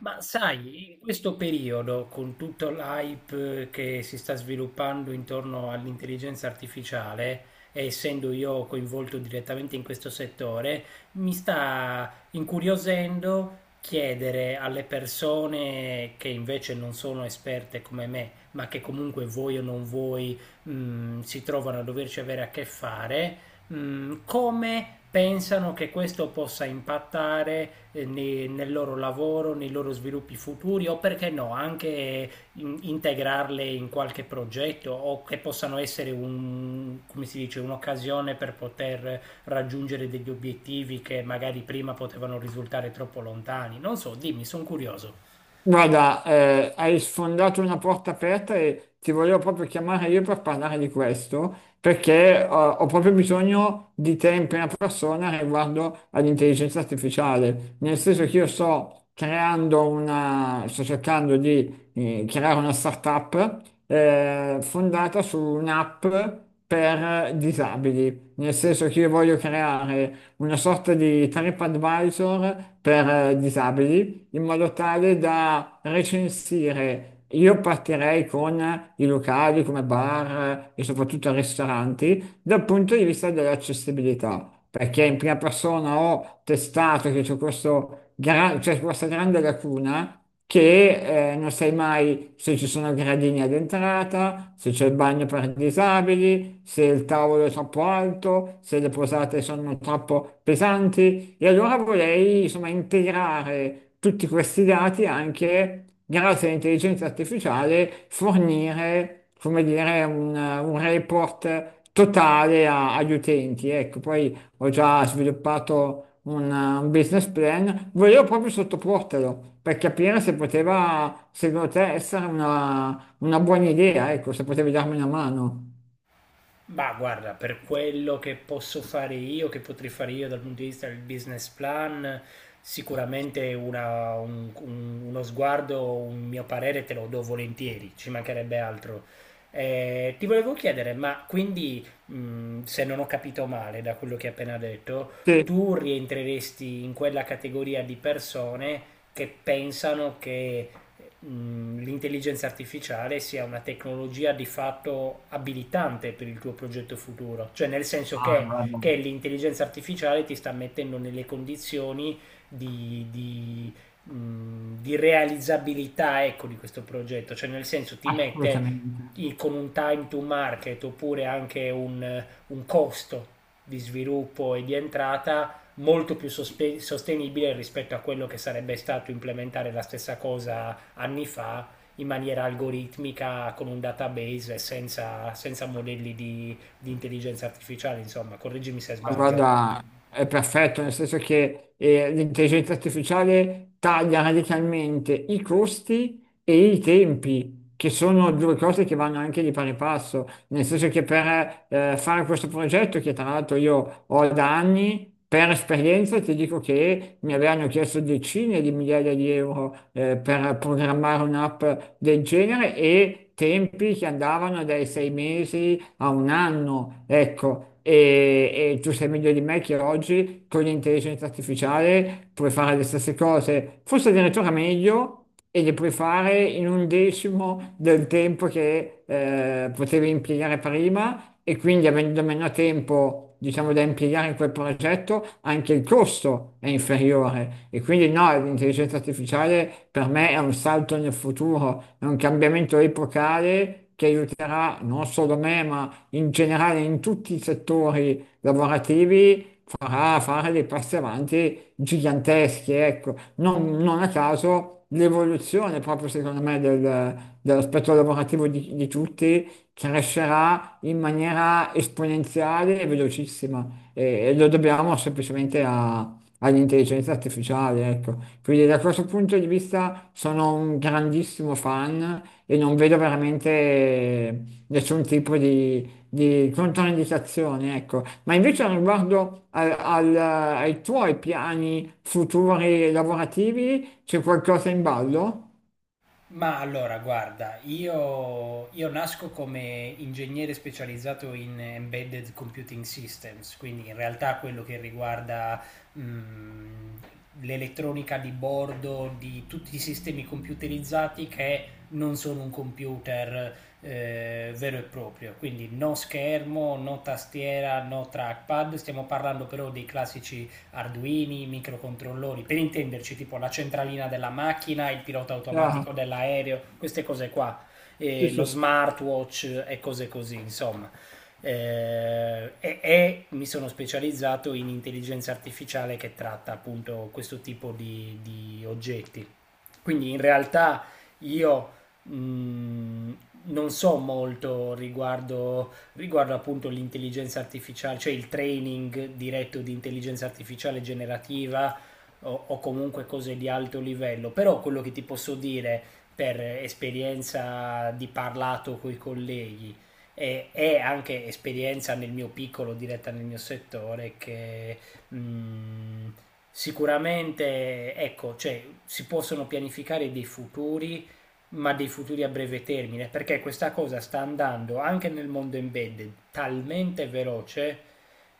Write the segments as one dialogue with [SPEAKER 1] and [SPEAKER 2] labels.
[SPEAKER 1] Ma sai, in questo periodo, con tutto l'hype che si sta sviluppando intorno all'intelligenza artificiale, e essendo io coinvolto direttamente in questo settore, mi sta incuriosendo chiedere alle persone che invece non sono esperte come me, ma che comunque voi o non voi, si trovano a doverci avere a che fare, come pensano che questo possa impattare nel loro lavoro, nei loro sviluppi futuri o perché no, anche integrarle in qualche progetto o che possano essere come si dice, un'occasione per poter raggiungere degli obiettivi che magari prima potevano risultare troppo lontani. Non so, dimmi, sono curioso.
[SPEAKER 2] Guarda, hai sfondato una porta aperta e ti volevo proprio chiamare io per parlare di questo, perché ho proprio bisogno di te in prima persona riguardo all'intelligenza artificiale, nel senso che io sto creando una, sto cercando di creare una startup fondata su un'app per disabili, nel senso che io voglio creare una sorta di TripAdvisor per disabili in modo tale da recensire. Io partirei con i locali come bar e soprattutto ristoranti dal punto di vista dell'accessibilità, perché in prima persona ho testato che c'è questa grande lacuna che non sai mai se ci sono gradini ad entrata, se c'è il bagno per disabili, se il tavolo è troppo alto, se le posate sono troppo pesanti. E allora vorrei, insomma, integrare tutti questi dati anche grazie all'intelligenza artificiale, fornire, come dire, un report totale agli utenti. Ecco, poi ho già sviluppato un business plan, volevo proprio sottoportelo per capire se poteva, secondo te, essere una buona idea, ecco, se potevi darmi una mano.
[SPEAKER 1] Ma guarda, per quello che posso fare io, che potrei fare io dal punto di vista del business plan, sicuramente uno sguardo, un mio parere te lo do volentieri, ci mancherebbe altro. Ti volevo chiedere, ma quindi, se non ho capito male da quello che hai appena detto,
[SPEAKER 2] Sì.
[SPEAKER 1] tu rientreresti in quella categoria di persone che pensano che l'intelligenza artificiale sia una tecnologia di fatto abilitante per il tuo progetto futuro, cioè nel senso
[SPEAKER 2] Ah, guarda,
[SPEAKER 1] che l'intelligenza artificiale ti sta mettendo nelle condizioni di, di, di realizzabilità ecco, di questo progetto, cioè nel senso ti mette
[SPEAKER 2] assolutamente.
[SPEAKER 1] con un time to market oppure anche un costo di sviluppo e di entrata molto più sostenibile rispetto a quello che sarebbe stato implementare la stessa cosa anni fa in maniera algoritmica con un database e senza, senza modelli di intelligenza artificiale, insomma, correggimi se
[SPEAKER 2] Ma
[SPEAKER 1] sbaglio.
[SPEAKER 2] guarda, è perfetto, nel senso che l'intelligenza artificiale taglia radicalmente i costi e i tempi, che sono due cose che vanno anche di pari passo, nel senso che per fare questo progetto, che tra l'altro io ho da anni, per esperienza ti dico che mi avevano chiesto decine di migliaia di euro per programmare un'app del genere e tempi che andavano dai sei mesi a un anno, ecco. E tu sei meglio di me che oggi con l'intelligenza artificiale puoi fare le stesse cose, forse addirittura meglio, e le puoi fare in un decimo del tempo che potevi impiegare prima e quindi avendo meno tempo, diciamo, da impiegare in quel progetto, anche il costo è inferiore. E quindi no, l'intelligenza artificiale per me è un salto nel futuro, è un cambiamento epocale che aiuterà non solo me, ma in generale in tutti i settori lavorativi farà fare dei passi avanti giganteschi, ecco. Non a caso l'evoluzione proprio secondo me dell'aspetto lavorativo di tutti crescerà in maniera esponenziale e velocissima e, e lo dobbiamo semplicemente all'intelligenza artificiale, ecco. Quindi da questo punto di vista sono un grandissimo fan e non vedo veramente nessun tipo di controindicazioni, ecco. Ma invece riguardo ai tuoi piani futuri lavorativi, c'è qualcosa in ballo?
[SPEAKER 1] Ma allora, guarda, io nasco come ingegnere specializzato in embedded computing systems, quindi in realtà quello che riguarda l'elettronica di bordo di tutti i sistemi computerizzati che non sono un computer vero e proprio, quindi no schermo, no tastiera, no trackpad, stiamo parlando però dei classici arduini, microcontrollori, per intenderci tipo la centralina della macchina, il pilota
[SPEAKER 2] Ah,
[SPEAKER 1] automatico dell'aereo, queste cose qua,
[SPEAKER 2] sì,
[SPEAKER 1] lo
[SPEAKER 2] sì, sì,
[SPEAKER 1] smartwatch e cose così, insomma. E mi sono specializzato in intelligenza artificiale che tratta appunto questo tipo di oggetti. Quindi in realtà io mh, non so molto riguardo appunto l'intelligenza artificiale, cioè il training diretto di intelligenza artificiale generativa o comunque cose di alto livello, però quello che ti posso dire per esperienza di parlato con i colleghi e anche esperienza nel mio piccolo, diretta nel mio settore, che mh, sicuramente ecco, cioè, si possono pianificare dei futuri ma dei futuri a breve termine, perché questa cosa sta andando anche nel mondo embedded talmente veloce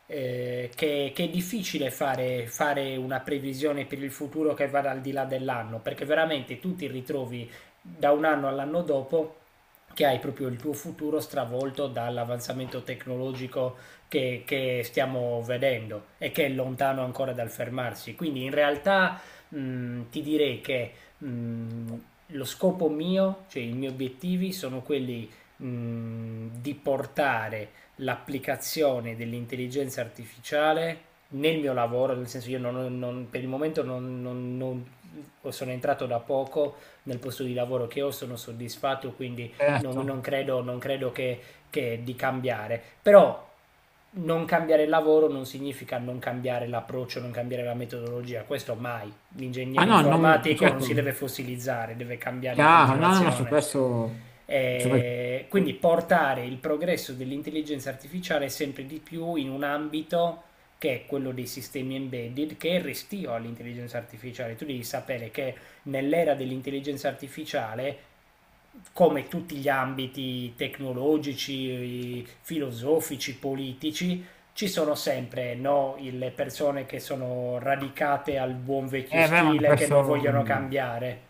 [SPEAKER 1] che è difficile fare, fare una previsione per il futuro che vada al di là dell'anno, perché veramente tu ti ritrovi da un anno all'anno dopo che hai proprio il tuo futuro stravolto dall'avanzamento tecnologico che stiamo vedendo e che è lontano ancora dal fermarsi. Quindi in realtà ti direi che mh, lo scopo mio, cioè i miei obiettivi sono quelli di portare l'applicazione dell'intelligenza artificiale nel mio lavoro, nel senso io per il momento o sono entrato da poco nel posto di lavoro che ho, sono soddisfatto, quindi non, non
[SPEAKER 2] certo.
[SPEAKER 1] credo, non credo che di cambiare. Però non cambiare il lavoro non significa non cambiare l'approccio, non cambiare la metodologia, questo mai.
[SPEAKER 2] Ah
[SPEAKER 1] L'ingegnere
[SPEAKER 2] no, non,
[SPEAKER 1] informatico non
[SPEAKER 2] certo,
[SPEAKER 1] si deve fossilizzare, deve cambiare in
[SPEAKER 2] chiaro, no, no, ma su
[SPEAKER 1] continuazione.
[SPEAKER 2] questo... ci vuoi-
[SPEAKER 1] Quindi portare il progresso dell'intelligenza artificiale sempre di più in un ambito che è quello dei sistemi embedded, che è restio all'intelligenza artificiale. Tu devi sapere che nell'era dell'intelligenza artificiale, come tutti gli ambiti tecnologici, filosofici, politici, ci sono sempre no, le persone che sono radicate al buon vecchio
[SPEAKER 2] Beh, ma
[SPEAKER 1] stile, che non
[SPEAKER 2] questo...
[SPEAKER 1] vogliono cambiare.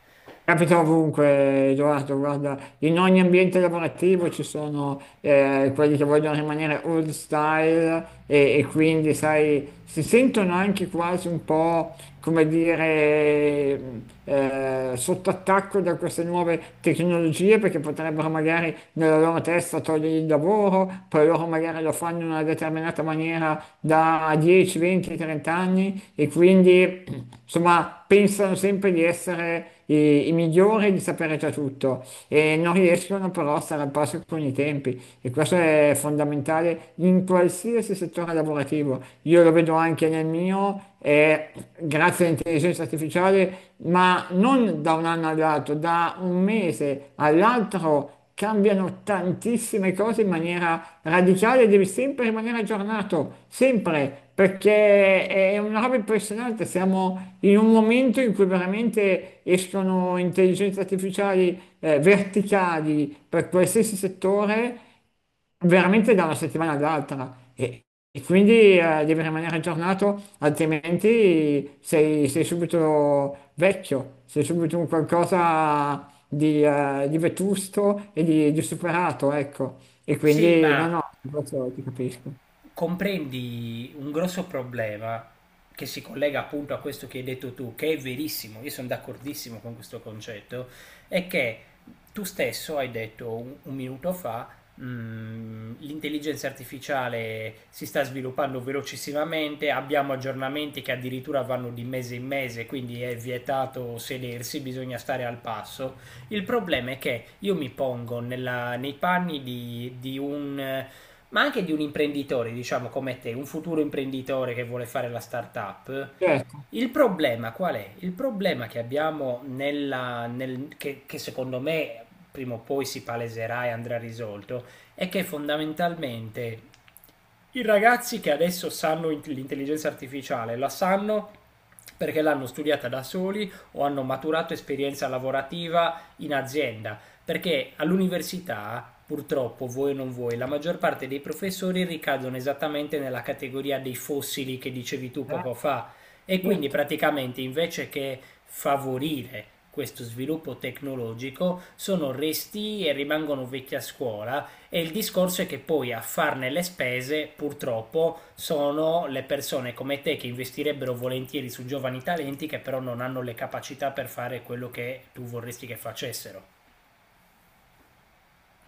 [SPEAKER 2] Capita ovunque, Edoardo, guarda, in ogni ambiente lavorativo ci sono quelli che vogliono rimanere old style e quindi, sai, si sentono anche quasi un po', come dire, sotto attacco da queste nuove tecnologie perché potrebbero magari nella loro testa togliere il lavoro, poi loro magari lo fanno in una determinata maniera da 10, 20, 30 anni e quindi insomma pensano sempre di essere i, i migliori, di sapere già tutto e non riescono però a stare al passo con i tempi e questo è fondamentale in qualsiasi settore lavorativo. Io lo vedo anche nel mio, e grazie all'intelligenza artificiale, ma non da un anno all'altro, da un mese all'altro cambiano tantissime cose in maniera radicale, e devi sempre rimanere aggiornato, sempre, perché è una roba impressionante, siamo in un momento in cui veramente escono intelligenze artificiali verticali per qualsiasi settore veramente da una settimana all'altra e quindi devi rimanere aggiornato, altrimenti sei, sei subito vecchio, sei subito un qualcosa di vetusto e di superato, ecco. E
[SPEAKER 1] Sì,
[SPEAKER 2] quindi no,
[SPEAKER 1] ma
[SPEAKER 2] no, questo ti capisco.
[SPEAKER 1] comprendi un grosso problema che si collega appunto a questo che hai detto tu, che è verissimo, io sono d'accordissimo con questo concetto, è che tu stesso hai detto un minuto fa, l'intelligenza artificiale si sta sviluppando velocissimamente, abbiamo aggiornamenti che addirittura vanno di mese in mese, quindi è vietato sedersi, bisogna stare al passo. Il problema è che io mi pongo nei panni di un ma anche di un imprenditore, diciamo come te, un futuro imprenditore che vuole fare la startup.
[SPEAKER 2] Certo,
[SPEAKER 1] Il problema qual è? Il problema che abbiamo che secondo me prima o poi si paleserà e andrà risolto è che fondamentalmente i ragazzi che adesso sanno l'intelligenza artificiale la sanno perché l'hanno studiata da soli o hanno maturato esperienza lavorativa in azienda perché all'università, purtroppo, voi o non voi, la maggior parte dei professori ricadono esattamente nella categoria dei fossili che dicevi tu
[SPEAKER 2] eh,
[SPEAKER 1] poco fa. E quindi
[SPEAKER 2] certo.
[SPEAKER 1] praticamente invece che favorire questo sviluppo tecnologico sono resti e rimangono vecchi a scuola e il discorso è che poi a farne le spese purtroppo sono le persone come te che investirebbero volentieri su giovani talenti che però non hanno le capacità per fare quello che tu vorresti che facessero.